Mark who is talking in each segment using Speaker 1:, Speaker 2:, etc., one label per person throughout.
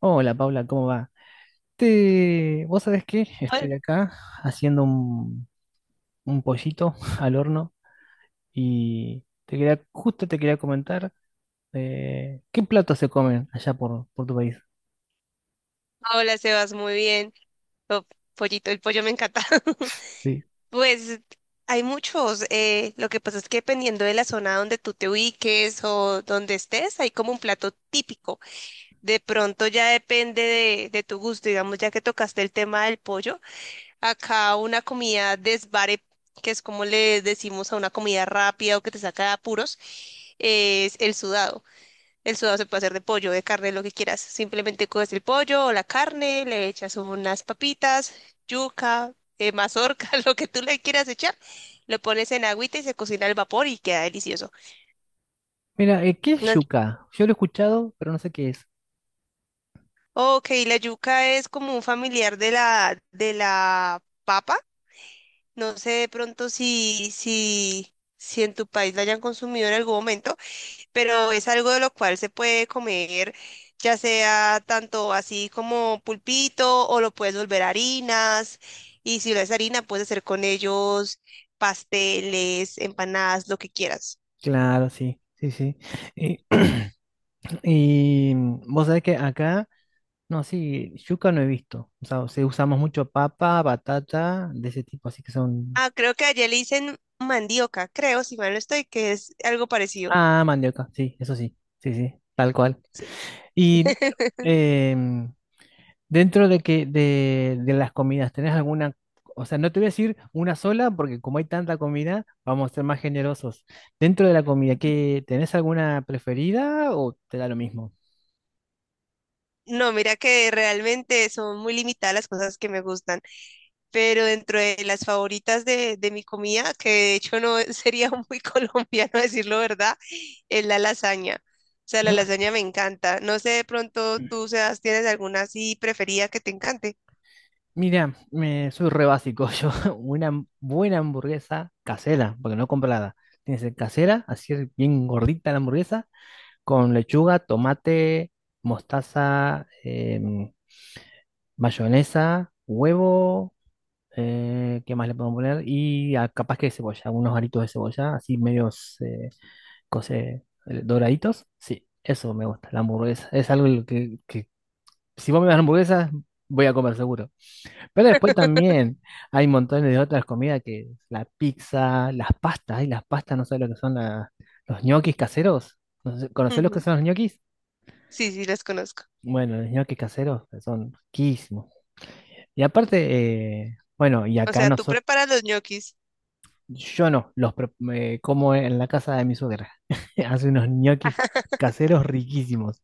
Speaker 1: Hola, Paula, ¿cómo va? ¿Vos sabés qué? Estoy
Speaker 2: Hola,
Speaker 1: acá haciendo un pollito al horno y justo te quería comentar qué platos se comen allá por tu país.
Speaker 2: hola, Sebas, muy bien. Oh, pollito, el pollo me encanta.
Speaker 1: Sí.
Speaker 2: Pues hay muchos. Lo que pasa es que dependiendo de la zona donde tú te ubiques o donde estés, hay como un plato típico. De pronto ya depende de tu gusto. Digamos, ya que tocaste el tema del pollo, acá una comida desvare, que es como le decimos a una comida rápida o que te saca de apuros, es el sudado. El sudado se puede hacer de pollo, de carne, lo que quieras. Simplemente coges el pollo o la carne, le echas unas papitas, yuca, mazorca, lo que tú le quieras echar. Lo pones en agüita y se cocina al vapor y queda delicioso.
Speaker 1: Mira, ¿qué es
Speaker 2: No-
Speaker 1: yuca? Yo lo he escuchado, pero no sé qué es.
Speaker 2: Ok, la yuca es como un familiar de la papa. No sé de pronto si en tu país la hayan consumido en algún momento, pero es algo de lo cual se puede comer, ya sea tanto así como pulpito o lo puedes volver harinas. Y si lo es harina, puedes hacer con ellos pasteles, empanadas, lo que quieras.
Speaker 1: Claro, sí, sí, sí. Y, vos sabés que acá, no, sí, yuca no he visto. O sea, sí, usamos mucho papa, batata, de ese tipo, así que son...
Speaker 2: Ah, creo que allá le dicen mandioca, creo, si mal no estoy, que es algo parecido.
Speaker 1: Ah, mandioca, sí, eso sí, sí, sí, tal cual.
Speaker 2: Sí.
Speaker 1: Y em, dentro de de las comidas, ¿tenés alguna? O sea, no te voy a decir una sola, porque como hay tanta comida, vamos a ser más generosos. Dentro de la comida, ¿tenés alguna preferida o te da lo mismo?
Speaker 2: No, mira que realmente son muy limitadas las cosas que me gustan, pero dentro de las favoritas de mi comida, que de hecho no sería muy colombiano decirlo, ¿verdad? Es la lasaña. O sea, la
Speaker 1: No,
Speaker 2: lasaña me encanta. No sé, de pronto tú, Sebas, tienes alguna así preferida que te encante.
Speaker 1: mira, soy re básico. Yo, una buena hamburguesa casera, porque no comprada. Tiene que ser casera, así es, bien gordita la hamburguesa, con lechuga, tomate, mostaza, mayonesa, huevo. ¿Qué más le podemos poner? Y ah, capaz que cebolla, unos aritos de cebolla, así medios doraditos. Sí, eso me gusta, la hamburguesa. Es algo que si vos me das hamburguesa, voy a comer seguro. Pero después también hay montones de otras comidas que la pizza, las pastas, y las pastas, no sé lo que son los ñoquis caseros. No sé, ¿conocés los que
Speaker 2: Ujú.
Speaker 1: son los ñoquis?
Speaker 2: Sí, sí, las conozco.
Speaker 1: Bueno, los ñoquis caseros son riquísimos. Y aparte, bueno, y
Speaker 2: O
Speaker 1: acá
Speaker 2: sea, tú
Speaker 1: nosotros.
Speaker 2: preparas los ñoquis.
Speaker 1: Yo no, los me como en la casa de mi suegra. Hace unos ñoquis caseros riquísimos.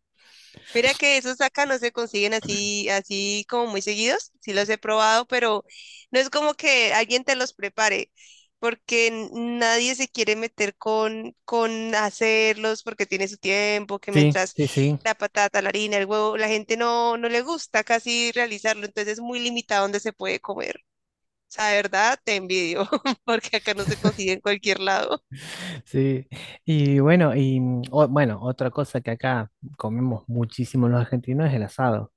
Speaker 2: Mira que esos acá no se consiguen así, así como muy seguidos. Sí los he probado, pero no es como que alguien te los prepare, porque nadie se quiere meter con hacerlos, porque tiene su tiempo, que
Speaker 1: Sí, sí,
Speaker 2: mientras
Speaker 1: sí,
Speaker 2: la patata, la harina, el huevo, la gente no, no le gusta casi realizarlo, entonces es muy limitado donde se puede comer. O sea, de verdad, te envidio, porque acá no se consigue en cualquier lado.
Speaker 1: sí. Y bueno, bueno, otra cosa que acá comemos muchísimo los argentinos es el asado.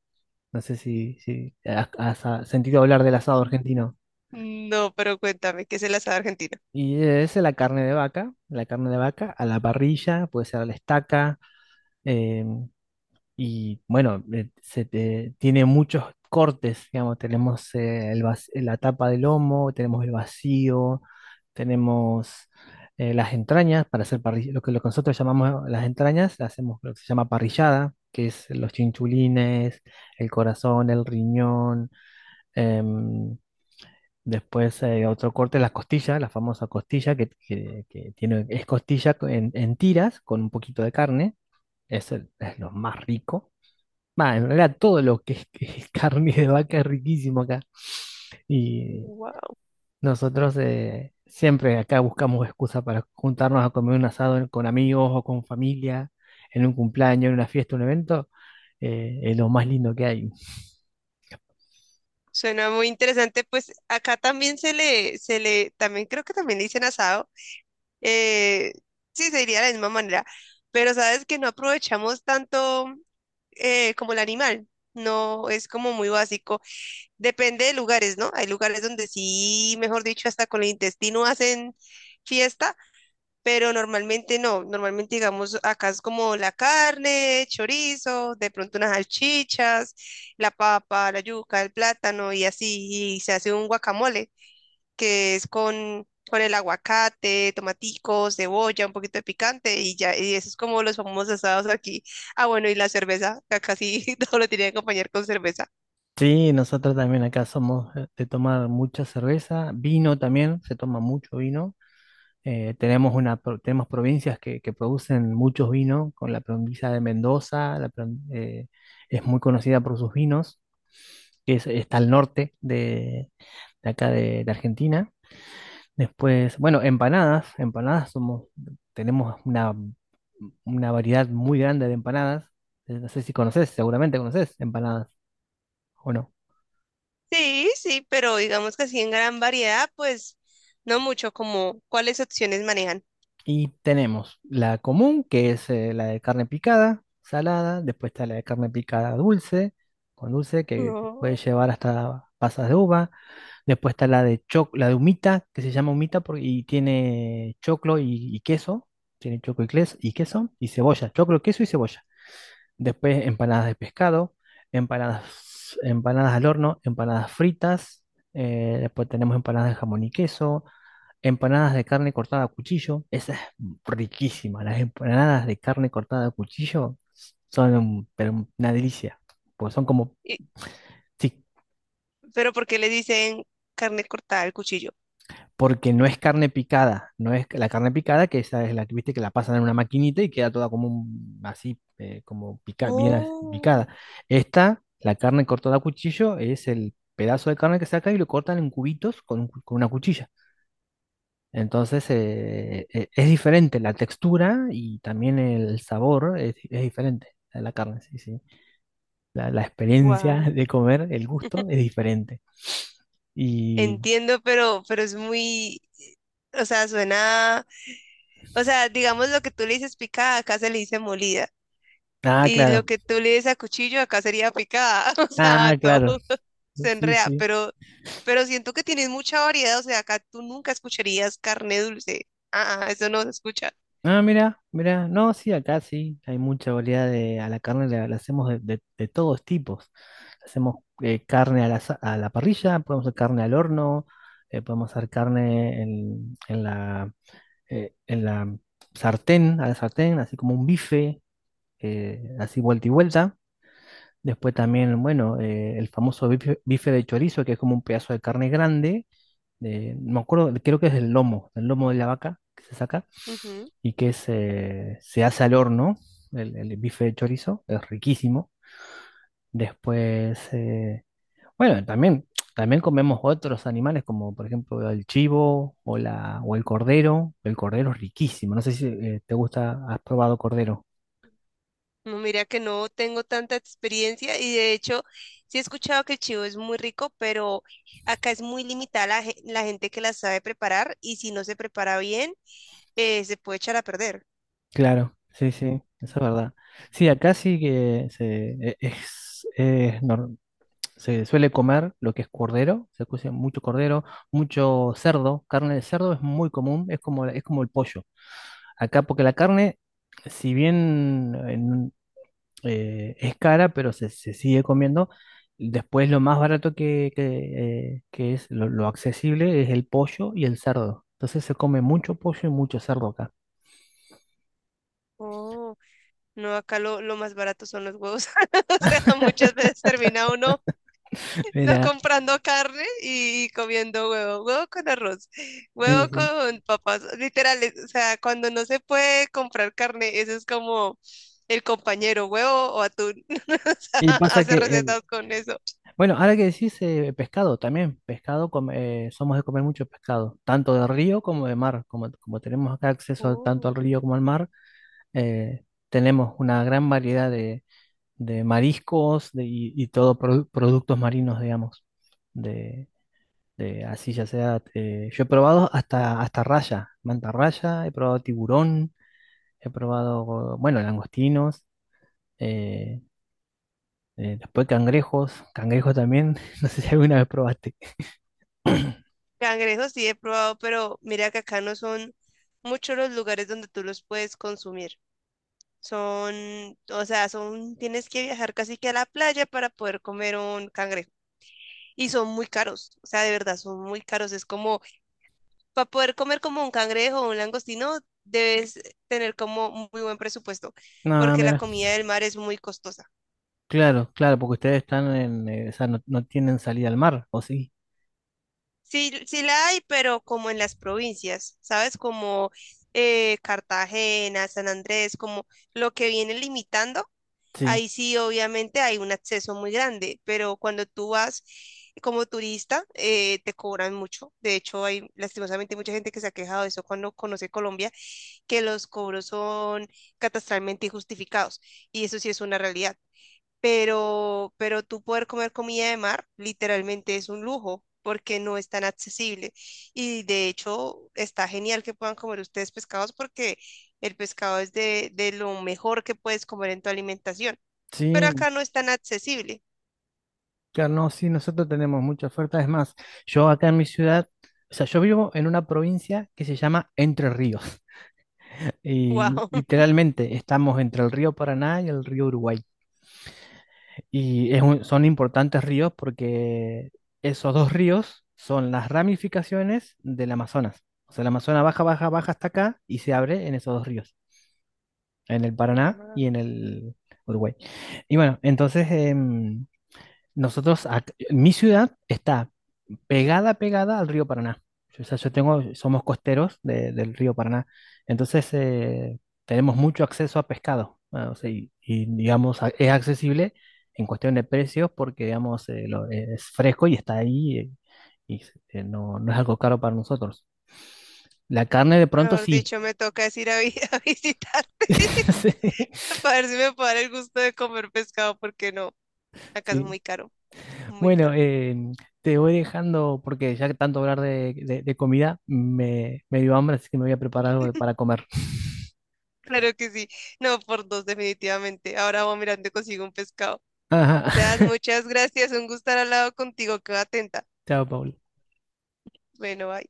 Speaker 1: No sé si has, has sentido hablar del asado argentino.
Speaker 2: No, pero cuéntame, ¿qué es el asado argentino?
Speaker 1: Y es la carne de vaca, la carne de vaca a la parrilla, puede ser a la estaca. em, Y bueno, tiene muchos cortes, digamos, tenemos el la tapa del lomo, tenemos el vacío, tenemos las entrañas para hacer parrilla, lo lo que nosotros llamamos las entrañas, hacemos lo que se llama parrillada, que es los chinchulines, el corazón, el riñón, em, después otro corte, las costillas, la famosa costilla, que tiene, es costilla en tiras con un poquito de carne, es, es lo más rico. Va, en realidad todo lo que que es carne de vaca es riquísimo acá. Y nosotros siempre acá buscamos excusa para juntarnos a comer un asado con amigos o con familia, en un cumpleaños, en una fiesta, un evento. Es lo más lindo que hay.
Speaker 2: Suena muy interesante, pues acá también se le, también creo que también le dicen asado. eh, sí, se diría de la misma manera, pero sabes que no aprovechamos tanto, como el animal, no es como muy básico. Depende de lugares, ¿no? Hay lugares donde sí, mejor dicho, hasta con el intestino hacen fiesta, pero normalmente no, normalmente digamos acá es como la carne, chorizo, de pronto unas salchichas, la papa, la yuca, el plátano y así, y se hace un guacamole que es con el aguacate, tomaticos, cebolla, un poquito de picante y ya, y eso es como los famosos asados aquí. Ah, bueno, y la cerveza, que acá sí todo lo tiene que acompañar con cerveza.
Speaker 1: Sí, nosotros también acá somos de tomar mucha cerveza, vino también, se toma mucho vino. Tenemos, una, tenemos provincias que producen muchos vinos, con la provincia de Mendoza, eh, es muy conocida por sus vinos, está al norte de acá de Argentina. Después, bueno, empanadas, empanadas somos, tenemos una variedad muy grande de empanadas. No sé si conoces, seguramente conoces empanadas o no.
Speaker 2: Sí, sí, pero digamos que así en gran variedad, pues no mucho, como cuáles opciones manejan.
Speaker 1: Y tenemos la común, que es la de carne picada, salada, después está la de carne picada dulce, con dulce, que puede
Speaker 2: No.
Speaker 1: llevar hasta pasas de uva. Después está la de la de humita, que se llama humita y tiene choclo y queso, tiene choclo y queso, y cebolla, choclo, queso y cebolla. Después empanadas de pescado, empanadas, empanadas al horno, empanadas fritas, después tenemos empanadas de jamón y queso, empanadas de carne cortada a cuchillo, esa es riquísima. Las empanadas de carne cortada a cuchillo son una delicia, porque son sí,
Speaker 2: Pero ¿por qué le dicen carne cortada al cuchillo?
Speaker 1: porque no es carne picada, no es la carne picada, que esa es la que viste que la pasan en una maquinita y queda toda como así, como pica, bien picada.
Speaker 2: Oh,
Speaker 1: Esta, la carne cortada a cuchillo, es el pedazo de carne que saca y lo cortan en cubitos con, un con una cuchilla. Entonces es diferente la textura y también el sabor es diferente a la carne, sí, sí. La experiencia
Speaker 2: wow.
Speaker 1: de comer, el gusto es diferente. Y,
Speaker 2: Entiendo, pero es muy, o sea, suena, o sea, digamos lo que tú le dices picada, acá se le dice molida.
Speaker 1: ah,
Speaker 2: Y lo
Speaker 1: claro,
Speaker 2: que tú le dices a cuchillo, acá sería picada. O sea,
Speaker 1: ah,
Speaker 2: todo
Speaker 1: claro,
Speaker 2: se
Speaker 1: sí,
Speaker 2: enrea,
Speaker 1: sí.
Speaker 2: pero siento que tienes mucha variedad. O sea, acá tú nunca escucharías carne dulce. Ah, ah, eso no se escucha.
Speaker 1: Ah, mira, mira, no, sí, acá sí, hay mucha variedad de, a la carne la hacemos de todos tipos. Hacemos carne a a la parrilla, podemos hacer carne al horno, podemos hacer carne en la sartén, a la sartén, así como un bife, así vuelta y vuelta. Después también, bueno, el famoso bife, bife de chorizo, que es como un pedazo de carne grande, no me acuerdo, creo que es el lomo de la vaca que se saca
Speaker 2: Ujú.
Speaker 1: y que se hace al horno, el bife de chorizo, es riquísimo. Después, bueno, también, también comemos otros animales como por ejemplo el chivo o el cordero. El cordero es riquísimo. No sé si te gusta, has probado cordero.
Speaker 2: No, mira que no tengo tanta experiencia y de hecho sí he escuchado que el chivo es muy rico, pero acá es muy limitada la gente que la sabe preparar y si no se prepara bien, se puede echar a perder.
Speaker 1: Claro, sí, sí, eso es verdad. Sí, acá sí que es se suele comer lo que es cordero. Se cose mucho cordero, mucho cerdo. Carne de cerdo es muy común, es como el pollo. Acá porque la carne, si bien es cara, pero se sigue comiendo. Después lo más barato que es lo accesible es el pollo y el cerdo. Entonces se come mucho pollo y mucho cerdo acá.
Speaker 2: Oh, no, acá lo más barato son los huevos. O sea, muchas veces termina uno no
Speaker 1: Mira,
Speaker 2: comprando carne y comiendo huevo, huevo con arroz,
Speaker 1: sí,
Speaker 2: huevo
Speaker 1: sí.
Speaker 2: con papas, literal, o sea, cuando no se puede comprar carne, eso es como el compañero, huevo o atún, o sea,
Speaker 1: Y pasa
Speaker 2: hace
Speaker 1: que
Speaker 2: recetas con eso.
Speaker 1: bueno, ahora que decís pescado también, pescado somos de comer mucho pescado, tanto de río como de mar. Como tenemos acá acceso tanto
Speaker 2: Uh.
Speaker 1: al río como al mar, tenemos una gran variedad de mariscos y todo productos marinos, digamos de, eh, así ya sea, yo he probado hasta, hasta raya, manta raya, he probado tiburón, he probado, bueno, langostinos, eh, después cangrejos, cangrejos también, no sé si alguna vez probaste.
Speaker 2: Cangrejos sí he probado, pero mira que acá no son muchos los lugares donde tú los puedes consumir. Son, o sea, son, tienes que viajar casi que a la playa para poder comer un cangrejo. Y son muy caros, o sea, de verdad, son muy caros. Es como para poder comer como un cangrejo o un langostino, debes tener como muy buen presupuesto,
Speaker 1: No,
Speaker 2: porque la
Speaker 1: mira,
Speaker 2: comida del mar es muy costosa.
Speaker 1: claro, claro, porque ustedes están en, o sea, no, no tienen salida al mar, ¿o sí?
Speaker 2: Sí, sí la hay, pero como en las provincias, ¿sabes? Como Cartagena, San Andrés, como lo que viene limitando,
Speaker 1: Sí,
Speaker 2: ahí sí obviamente hay un acceso muy grande, pero cuando tú vas como turista, te cobran mucho. De hecho, hay lastimosamente mucha gente que se ha quejado de eso cuando conoce Colombia, que los cobros son catastralmente injustificados, y eso sí es una realidad. Pero tú poder comer comida de mar literalmente es un lujo porque no es tan accesible. Y de hecho está genial que puedan comer ustedes pescados porque el pescado es de lo mejor que puedes comer en tu alimentación, pero
Speaker 1: sí,
Speaker 2: acá no es tan accesible.
Speaker 1: claro, no, sí, nosotros tenemos mucha oferta, es más, yo acá en mi ciudad, o sea, yo vivo en una provincia que se llama Entre Ríos. Y
Speaker 2: Wow,
Speaker 1: literalmente estamos entre el río Paraná y el río Uruguay. Y es son importantes ríos porque esos dos ríos son las ramificaciones del Amazonas. O sea, el Amazonas baja, baja, baja hasta acá y se abre en esos dos ríos, en el Paraná y en el Uruguay. Y bueno, entonces nosotros, mi ciudad está pegada, pegada al río Paraná. O sea, yo tengo, somos costeros del río Paraná, entonces tenemos mucho acceso a pescado, ah, o sea, digamos, es accesible en cuestión de precios porque, digamos, es fresco y está ahí y no, no es algo caro para nosotros. La carne de pronto
Speaker 2: mejor
Speaker 1: sí.
Speaker 2: dicho, me toca es ir a, a visitarte
Speaker 1: Sí.
Speaker 2: para ver si me puedo dar el gusto de comer pescado porque no, acá es
Speaker 1: Sí.
Speaker 2: muy caro, muy
Speaker 1: Bueno,
Speaker 2: caro.
Speaker 1: te voy dejando porque ya que tanto hablar de comida me dio hambre, así que me voy a preparar algo para comer.
Speaker 2: Claro que sí. No, por dos, definitivamente. Ahora voy mirando y consigo un pescado. Sebas, muchas gracias. Un gusto estar al lado contigo. Quedo atenta.
Speaker 1: Chao, Paul.
Speaker 2: Bueno, bye.